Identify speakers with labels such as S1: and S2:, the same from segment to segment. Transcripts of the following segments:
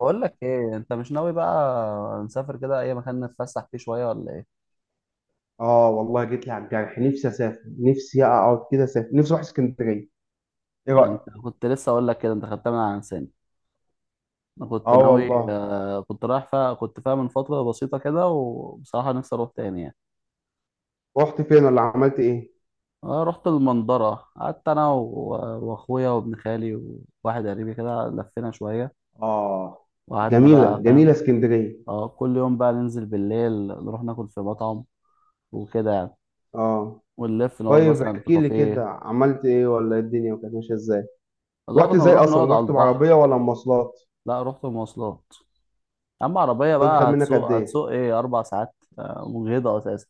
S1: بقول لك ايه؟ انت مش ناوي بقى نسافر كده اي مكان نتفسح فيه شويه ولا ايه؟
S2: اه والله جيت لي على الجرح. نفسي اسافر، نفسي اقعد كده اسافر، نفسي اروح اسكندريه. ايه رايك؟
S1: انت كنت لسه اقول لك كده، انت خدتها من على لساني. انا كنت
S2: اه
S1: ناوي
S2: والله.
S1: كنت رايح فيها، كنت فيها من فتره بسيطه كده، وبصراحه نفسي اروح تاني يعني.
S2: رحت فين ولا عملت ايه؟
S1: انا رحت المنظره، قعدت انا واخويا وابن خالي وواحد قريبي كده، لفينا شويه
S2: اه.
S1: وقعدنا
S2: جميله
S1: بقى
S2: جميله
S1: فاهم.
S2: اسكندريه.
S1: اه، كل يوم بقى ننزل بالليل، نروح ناكل في مطعم وكده يعني،
S2: اه
S1: ونلف نقعد
S2: طيب
S1: مثلا في
S2: احكي لي كده
S1: كافيه.
S2: عملت ايه، ولا إيه الدنيا كانت ماشيه ازاي؟
S1: والله
S2: رحت
S1: كنا
S2: ازاي
S1: بنروح
S2: اصلا،
S1: نقعد على
S2: رحت
S1: البحر.
S2: بعربيه ولا مواصلات؟
S1: لا، رحت مواصلات. اما عربيه
S2: الطريق خد
S1: بقى
S2: منك قد
S1: هتسوق،
S2: ايه؟
S1: هتسوق ايه اربع ساعات، مجهده اساسا.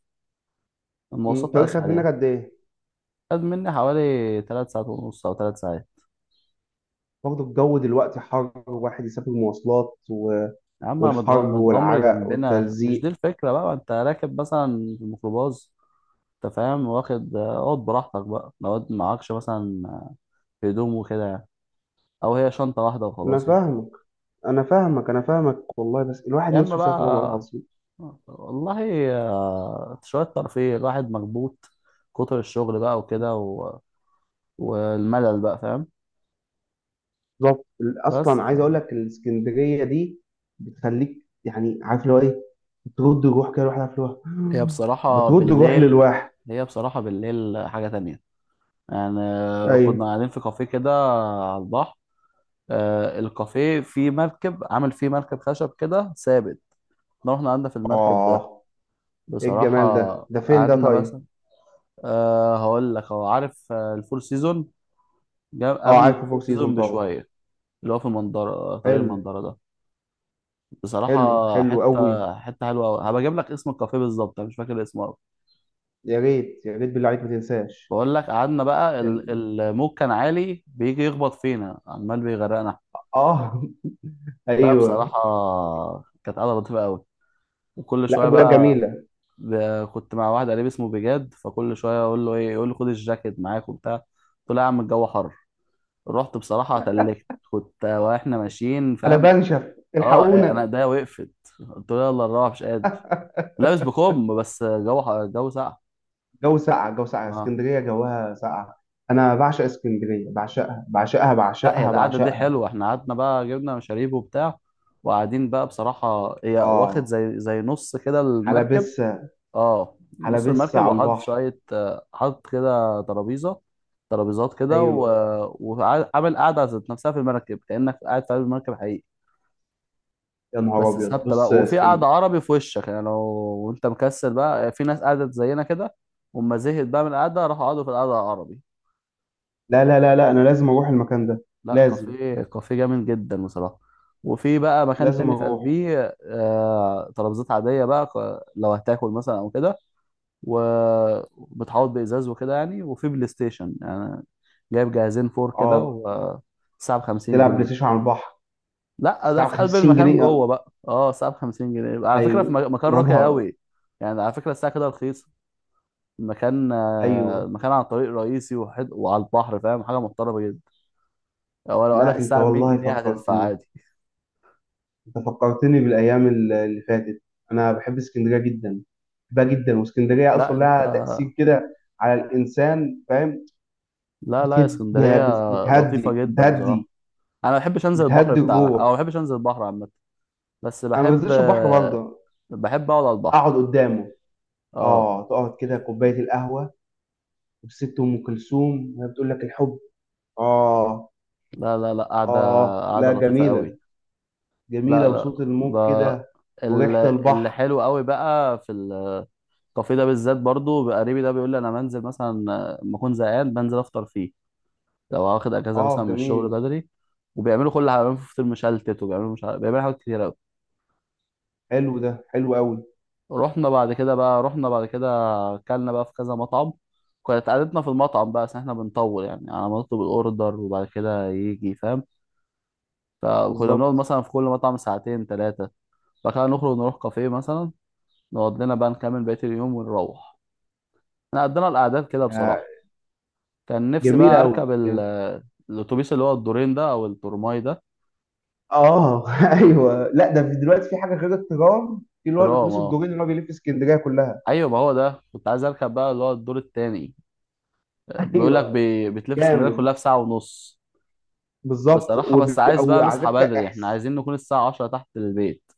S1: المواصلات
S2: الطريق خد
S1: اسهل
S2: منك
S1: يعني.
S2: قد ايه؟
S1: خد مني حوالي ثلاث ساعات ونص او ثلاث ساعات.
S2: برضه الجو دلوقتي حر، واحد يسافر مواصلات و...
S1: يا عم
S2: والحر
S1: متغمر
S2: والعرق
S1: جنبنا، مش دي
S2: والتلزيق.
S1: الفكره بقى؟ ما انت راكب مثلا في الميكروباص، انت فاهم؟ واخد اقعد براحتك بقى، لو معكش مثلا هدوم وكده يعني، او هي شنطه واحده
S2: انا
S1: وخلاص يعني.
S2: فاهمك، انا فاهمك والله، بس الواحد
S1: يا اما
S2: نفسه يسافر والله
S1: بقى،
S2: العظيم.
S1: والله شويه ترفيه، الواحد مخبوط. كتر الشغل بقى وكده و... والملل بقى، فاهم؟
S2: بالظبط،
S1: بس
S2: اصلا عايز اقول
S1: فاهم.
S2: لك، الاسكندريه دي بتخليك يعني عارف اللي هو ايه. بترد الروح كده، الواحد عارف اللي هو
S1: هي بصراحة
S2: بترد الروح
S1: بالليل،
S2: للواحد.
S1: هي بصراحة بالليل حاجة تانية يعني.
S2: ايوه.
S1: كنا قاعدين في كافيه كده على البحر، الكافيه فيه مركب، عامل فيه مركب خشب كده ثابت. احنا رحنا قعدنا في المركب ده
S2: اه. ايه الجمال
S1: بصراحة،
S2: ده؟ ده فين ده
S1: قعدنا بس.
S2: طيب؟
S1: أه هقول لك، هو عارف الفور سيزون؟
S2: اه
S1: قبل
S2: عارف فور
S1: الفور
S2: سيزون
S1: سيزون
S2: طبعا.
S1: بشوية، اللي هو في المنظرة، طريق
S2: حلو
S1: المنظرة ده.
S2: حلو،
S1: بصراحة
S2: حلو
S1: حتة
S2: قوي.
S1: حتة حلوة أوي. هبقى أجيب لك اسم الكافيه بالظبط، أنا مش فاكر اسمه أوي.
S2: يا ريت يا ريت بالله عليك ما تنساش.
S1: بقول لك، قعدنا بقى
S2: ال...
S1: الموج كان عالي، بيجي يخبط فينا، عمال بيغرقنا.
S2: اه
S1: لا
S2: ايوه.
S1: بصراحة، كانت قعدة لطيفة قوي. وكل
S2: لا
S1: شوية
S2: اجواء
S1: بقى،
S2: جميله.
S1: كنت مع واحد قريب اسمه بجاد، فكل شوية اقول له ايه، يقول لي خد الجاكيت معاك وبتاع، قلت له يا عم الجو حر. رحت بصراحة اتلكت، كنت واحنا ماشيين
S2: انا
S1: فاهم.
S2: بنشف،
S1: اه انا
S2: الحقونا.
S1: ده وقفت، قلت له يلا نروح، مش قادر. لابس بكم بس، جو الجو ساقع.
S2: جو ساقع، جو ساقع،
S1: اه.
S2: اسكندريه جواها ساقع. انا بعشق اسكندريه، بعشقها بعشقها
S1: لا، هي
S2: بعشقها
S1: القعدة دي
S2: بعشقها.
S1: حلوة. احنا قعدنا بقى، جبنا مشاريب وبتاع، وقاعدين بقى. بصراحة هي واخد
S2: اه.
S1: زي نص كده المركب.
S2: حلبسه.
S1: اه، نص
S2: حلبسه
S1: المركب،
S2: على
S1: وحاطط
S2: البحر.
S1: شوية حاطط كده ترابيزة، ترابيزات كده و...
S2: ايوه.
S1: وعامل قعدة ذات نفسها في المركب، كأنك قاعد في قلب المركب حقيقي.
S2: يا نهار
S1: بس
S2: ابيض،
S1: ثابتة
S2: بص
S1: بقى.
S2: يا
S1: وفي قعدة
S2: اسكندريه.
S1: عربي في وشك يعني، لو وانت مكسل بقى، في ناس قعدت زينا كده وما زهقت بقى من القعدة، راحوا قعدوا في القعدة العربي.
S2: لا لا لا لا، انا لازم اروح المكان ده.
S1: لا
S2: لازم،
S1: كافيه، كافيه جامد جدا بصراحة. وفي بقى مكان
S2: لازم
S1: تاني في
S2: اروح.
S1: قلبيه، ترابيزات عادية بقى، لو هتاكل مثلا أو كده، وبتحوط بإزاز وكده يعني. وفي بلاي ستيشن يعني، جايب جهازين فور كده،
S2: اه،
S1: والساعة بخمسين
S2: تلعب بلاي
S1: جنيه.
S2: ستيشن على البحر؟
S1: لا، ده
S2: تلعب
S1: في قلب
S2: 50
S1: المكان
S2: جنيه
S1: جوه بقى. اه الساعة بخمسين جنيه على فكرة.
S2: ايوه.
S1: في مكان
S2: يا
S1: راقي
S2: نهار.
S1: قوي يعني، على فكرة الساعة كده رخيصة. المكان
S2: ايوه.
S1: مكان على طريق رئيسي وعلى البحر، فاهم، حاجة محترمة جدا. ولو قالك
S2: لا انت
S1: الساعة ب 100
S2: والله
S1: جنيه هتدفع
S2: فكرتني،
S1: عادي.
S2: انت فكرتني بالايام اللي فاتت. انا بحب اسكندريه جدا، بحبها جدا. واسكندريه
S1: لا
S2: اصلا
S1: انت،
S2: لها تاثير كده على الانسان فاهم.
S1: لا لا، يا
S2: بتهد،
S1: اسكندرية لطيفة
S2: بتهدي
S1: جدا بصراحة.
S2: بتهدي.
S1: أنا ما بحبش أنزل البحر
S2: بتهدي
S1: بتاعها، أو ما
S2: الروح.
S1: بحبش أنزل البحر عامة، بس
S2: انا ما
S1: بحب،
S2: بنزلش البحر برضه،
S1: بحب أقعد على البحر.
S2: اقعد قدامه.
S1: أه.
S2: اه تقعد كده، كوبايه القهوه وست ام كلثوم وهي بتقول لك الحب. اه.
S1: لا لا لا، قاعدة،
S2: اه
S1: قاعدة
S2: لا
S1: لطيفة قوي.
S2: جميله.
S1: لا
S2: جميله،
S1: لا
S2: وصوت الموج
S1: ب...
S2: كده،
S1: ال-
S2: وريحه
S1: اللي
S2: البحر.
S1: حلو قوي بقى في الكافيه ده بالذات، برضو قريبي ده بيقول لي أنا بنزل مثلا لما أكون زهقان، بنزل أفطر فيه، لو واخد أجازة
S2: اه
S1: مثلا من الشغل
S2: جميل.
S1: بدري. وبيعملوا كل حاجة، بيعملوا فطير مشلتت، وبيعملوا مش عارف، بيعملوا حاجات كتير.
S2: حلو ده، حلو قوي.
S1: رحنا بعد كده اكلنا بقى في كذا مطعم، كانت قعدتنا في المطعم بقى عشان احنا بنطول يعني على ما نطلب الاوردر وبعد كده يجي، فاهم؟ فكنا بنقعد
S2: بالظبط.
S1: مثلا في كل مطعم ساعتين ثلاثة، بعد كده نخرج نروح كافيه مثلا، نقعد لنا بقى نكمل بقية اليوم ونروح. احنا قضينا الأعداد كده بصراحة. كان نفسي
S2: جميلة
S1: بقى أركب
S2: أوي،
S1: الأتوبيس، اللي هو الدورين ده، أو الترماي ده.
S2: آه أيوه. لا ده في دلوقتي، في حاجة غير الترام، في اللي هو
S1: ترام
S2: الأتوبيس
S1: اه.
S2: الدورين اللي هو بيلف اسكندرية كلها.
S1: أيوة، ما هو ده كنت عايز أركب بقى، اللي هو الدور التاني. بيقول لك
S2: أيوه.
S1: بتلف اسكندرية
S2: جامد.
S1: كلها في ساعة ونص.
S2: بالظبط.
S1: بصراحة، بس عايز
S2: أو
S1: بقى
S2: على
S1: نصحى
S2: فكرة
S1: بدري، احنا
S2: إحس.
S1: عايزين نكون الساعة عشرة تحت البيت.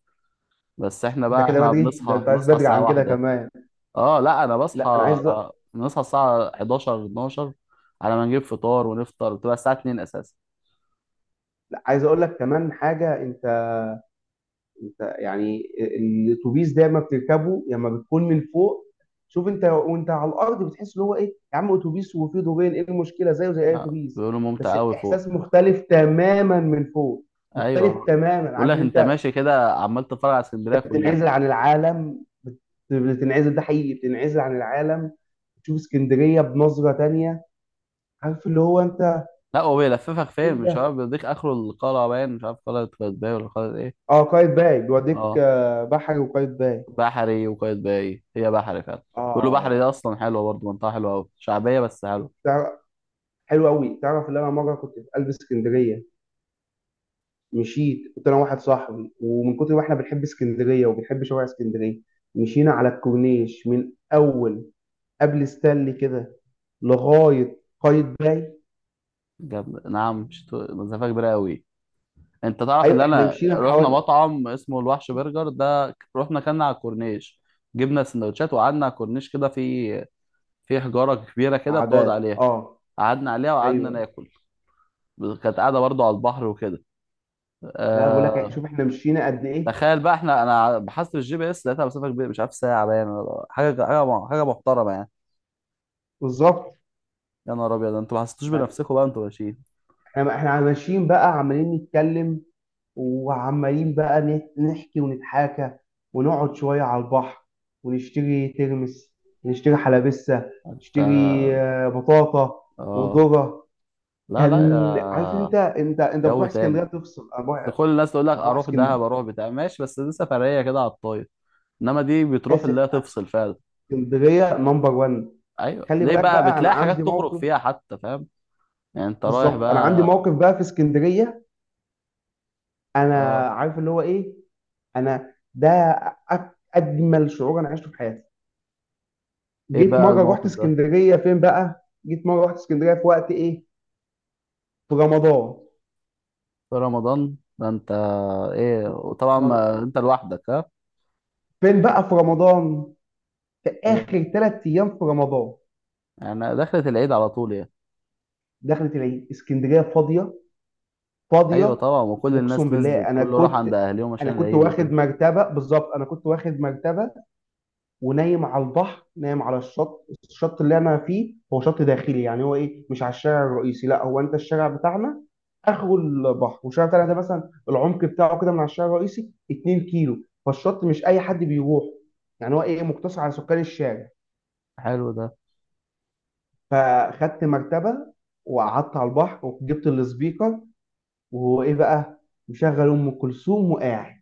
S1: بس احنا
S2: ده
S1: بقى،
S2: كده
S1: احنا
S2: بدري، ده
S1: بنصحى
S2: أنت عايز
S1: بنصحى
S2: بدري
S1: الساعة
S2: عن كده
S1: واحدة.
S2: كمان؟
S1: اه لا، انا بصحى
S2: لا أنا عايز أ-
S1: بنصحى الساعة 11 12، على ما نجيب فطار ونفطر بتبقى الساعة 2 اساسا.
S2: لا، عايز أقول لك كمان حاجة أنت. انت يعني الاتوبيس ده ما بتركبه لما بتكون من فوق. شوف، انت وانت على الارض بتحس ان هو ايه، يا عم اتوبيس وفيه دورين، ايه المشكله، زيه زي اي
S1: لا
S2: اتوبيس.
S1: بيقولوا ممتع
S2: بس
S1: قوي
S2: الاحساس
S1: فوق.
S2: مختلف تماما من فوق. مختلف
S1: ايوه،
S2: تماما،
S1: بقول
S2: عارف
S1: لك
S2: ان
S1: انت
S2: انت.
S1: ماشي كده عمال تتفرج على
S2: انت
S1: اسكندرية كلها.
S2: بتنعزل عن العالم، بتنعزل، ده حقيقي بتنعزل عن العالم. بتشوف اسكندريه بنظره تانية. عارف اللي هو انت.
S1: لا هو بيلففك فين
S2: ايه
S1: مش
S2: ده.
S1: عارف، بيديك اخره القلعة باين، مش عارف قلعة قايتباي ولا قلعة ايه.
S2: اه، قايتباي بيوديك
S1: اه،
S2: بحري وقايتباي.
S1: بحري وقايتباي، هي بحري فعلا. بيقولوا بحري ده
S2: اه.
S1: اصلا حلوة برضه، منطقة حلوة قوي، شعبية بس حلوة.
S2: حلو قوي. تعرف ان انا مره كنت في قلب اسكندريه، مشيت، كنت انا واحد صاحبي، ومن كتر ما احنا بنحب اسكندريه وبنحب شوارع اسكندريه مشينا على الكورنيش، من اول قبل ستانلي كده لغايه قايد باي.
S1: جاب نعم مسافة كبيرة أوي. أنت تعرف إن
S2: ايوه احنا
S1: أنا
S2: مشينا
S1: رحنا
S2: حوالي.
S1: مطعم اسمه الوحش برجر ده؟ رحنا كنا على الكورنيش، جبنا سندوتشات وقعدنا على الكورنيش كده في، في حجارة كبيرة كده بتقعد
S2: عادات
S1: عليها،
S2: اه.
S1: قعدنا عليها وقعدنا
S2: ايوه.
S1: ناكل. كانت قاعدة برضو على البحر وكده.
S2: لا بقول لك،
S1: أه...
S2: شوف احنا مشينا قد ايه.
S1: تخيل بقى احنا، أنا بحثت في الجي بي إس لقيتها مسافة كبيرة، مش عارف ساعة باين حاجة، حاجة حاجة محترمة يعني.
S2: بالظبط
S1: يا نهار أبيض، أنتوا ما حسيتوش
S2: يعني.
S1: بنفسكم بقى أنتوا ماشيين؟
S2: احنا ماشيين بقى، عمالين نتكلم وعمالين بقى نحكي ونتحاكى، ونقعد شوية على البحر، ونشتري ترمس، ونشتري حلبسة، نشتري
S1: ده-
S2: بطاطا
S1: آه.
S2: وذرة.
S1: لا لا،
S2: كان عارف، انت
S1: يا جو
S2: بتروح
S1: تاني.
S2: اسكندريه تفصل، انا بروح، انا
S1: كل الناس تقول لك
S2: بروح
S1: اروح
S2: اسكندريه.
S1: دهب، اروح بتاع، ماشي، بس دي سفريه كده على الطاير. انما دي بتروح
S2: اسف.
S1: اللي هي تفصل فعلا.
S2: اسكندريه نمبر 1.
S1: ايوه،
S2: خلي
S1: ليه
S2: بالك
S1: بقى،
S2: بقى، انا
S1: بتلاقي
S2: عندي
S1: حاجات تخرج
S2: موقف.
S1: فيها حتى، فاهم؟ يعني انت رايح
S2: بالظبط انا عندي
S1: بقى.
S2: موقف بقى في اسكندريه. انا
S1: اه.
S2: عارف اللي هو ايه. انا ده، أك- اجمل شعور انا عشته في حياتي.
S1: ايه
S2: جيت
S1: بقى
S2: مره رحت
S1: الموقف ده؟
S2: اسكندريه، فين بقى؟ جيت مره رحت اسكندريه في وقت ايه؟ في رمضان.
S1: في رمضان؟ ده انت. ايه، وطبعا ما انت لوحدك ها.
S2: فين بقى في رمضان؟ في
S1: ايه
S2: اخر ثلاث ايام في رمضان.
S1: يعني، دخلت العيد على طول يعني؟
S2: دخلت العيد، اسكندريه فاضيه،
S1: ايوه
S2: فاضيه.
S1: طبعا، وكل
S2: واقسم
S1: الناس
S2: بالله
S1: نزلت،
S2: انا
S1: كله راح عند
S2: كنت،
S1: اهليهم عشان
S2: انا كنت
S1: العيد
S2: واخد
S1: وكده.
S2: مرتبه، بالظبط انا كنت واخد مرتبه ونايم على البحر، نايم على الشط. الشط اللي انا فيه هو شط داخلي، يعني هو ايه، مش على الشارع الرئيسي، لا، هو انت الشارع بتاعنا اخره البحر، والشارع بتاعنا ده مثلا العمق بتاعه كده من على الشارع الرئيسي 2 كيلو، فالشط مش اي حد بيروح، يعني هو ايه، مقتصر على سكان الشارع.
S1: حلو ده.
S2: فخدت مرتبه وقعدت على البحر، وجبت السبيكر وهو ايه بقى مشغل ام كلثوم وقاعد.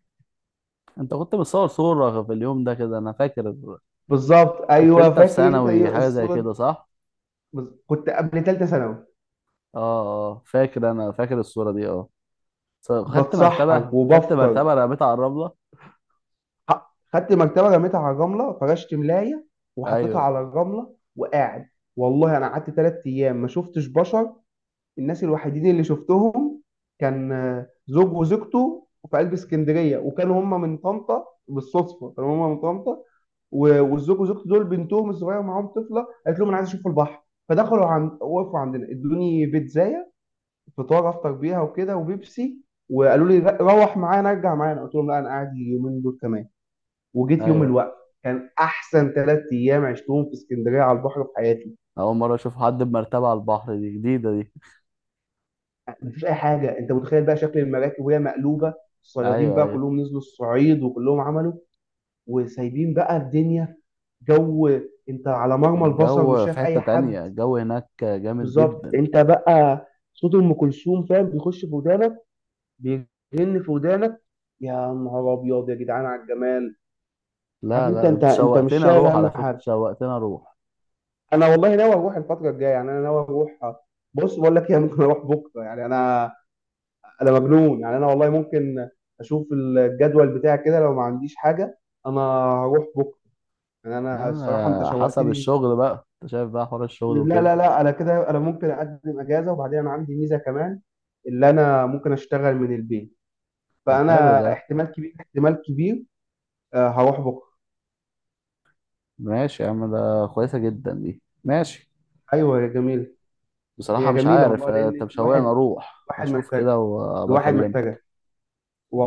S1: انت كنت بتصور صورة في اليوم ده كده، انا فاكر.
S2: بالظبط.
S1: كنت
S2: ايوه
S1: انت في
S2: فاكر انت.
S1: ثانوي حاجة زي
S2: الصوره
S1: كده
S2: دي؟
S1: صح؟
S2: كنت قبل ثالثه ثانوي.
S1: اه. اه فاكر، انا فاكر الصورة دي اه. خدت
S2: بتسحر
S1: مرتبة، خدت
S2: وبفطر.
S1: مرتبة رميتها على الرملة.
S2: خدت مرتبه رميتها على الرمله، فرشت ملايه وحطيتها على
S1: ايوه
S2: الرمله وقاعد. والله انا قعدت ثلاث ايام ما شفتش بشر. الناس الوحيدين اللي شفتهم كان زوج وزوجته في قلب اسكندريه، وكانوا هم من طنطا، بالصدفه كانوا هم من طنطا. والزوج وزوجته دول بنتهم الصغيره معاهم، طفله قالت لهم انا عايز اشوف البحر، فدخلوا عند، وقفوا عندنا، ادوني بيتزايه فطار افطر بيها وكده، وبيبسي. وقالوا لي روح معانا، ارجع معانا، قلت لهم لا انا قاعد اليومين دول كمان. وجيت يوم
S1: ايوه.
S2: الوقفه. كان احسن ثلاث ايام عشتهم في اسكندريه على البحر في حياتي.
S1: اول مرة اشوف حد بمرتبة على البحر، دي جديدة دي.
S2: مفيش اي حاجه. انت متخيل بقى شكل المراكب وهي مقلوبه، الصيادين
S1: ايوه
S2: بقى
S1: ايوه.
S2: كلهم نزلوا الصعيد وكلهم عملوا، وسايبين بقى الدنيا. جو. انت على مرمى البصر مش
S1: الجو في
S2: شايف
S1: حتة
S2: اي حد.
S1: تانية، الجو هناك جامد
S2: بالظبط.
S1: جدا.
S2: انت بقى صوت ام كلثوم فاهم بيخش في ودانك، بيرن في ودانك. يا نهار ابيض يا جدعان على الجمال. عارف
S1: لا
S2: انت،
S1: لا، ده انت
S2: مش
S1: شوقتني
S2: شايل
S1: اروح
S2: هم
S1: على فكرة،
S2: حاجه.
S1: شوقتني اروح.
S2: انا والله ناوي اروح الفتره الجايه، يعني انا ناوي اروح. بص بقول لك ايه ممكن اروح بكره، يعني انا، انا مجنون، يعني انا والله ممكن اشوف الجدول بتاعي كده، لو ما عنديش حاجه انا هروح بكره. يعني
S1: يا
S2: انا
S1: عم
S2: الصراحه انت
S1: حسب
S2: شوقتني.
S1: الشغل بقى، انت شايف بقى حوار الشغل
S2: لا
S1: وكده.
S2: لا لا، انا كده انا ممكن اقدم اجازه، وبعدين انا عندي ميزه كمان، اللي انا ممكن اشتغل من البيت.
S1: طب حلو
S2: فانا
S1: ده.
S2: احتمال كبير، احتمال كبير هروح بكره.
S1: ماشي يا عم، ده كويسة جدا دي، ماشي.
S2: ايوه يا جميل.
S1: بصراحة
S2: هي
S1: مش
S2: جميله
S1: عارف
S2: والله،
S1: انت
S2: لان
S1: مشوقني
S2: الواحد،
S1: اروح
S2: الواحد
S1: اشوف
S2: محتاج،
S1: كده
S2: الواحد
S1: وبكلمك.
S2: محتاج.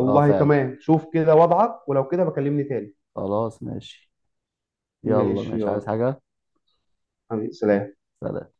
S1: اه فعلا.
S2: تمام، شوف كده وضعك ولو كده بكلمني تاني.
S1: خلاص ماشي. يلا
S2: ماشي
S1: ماشي،
S2: يلا،
S1: عايز حاجة؟
S2: حبيبي سلام.
S1: سلام.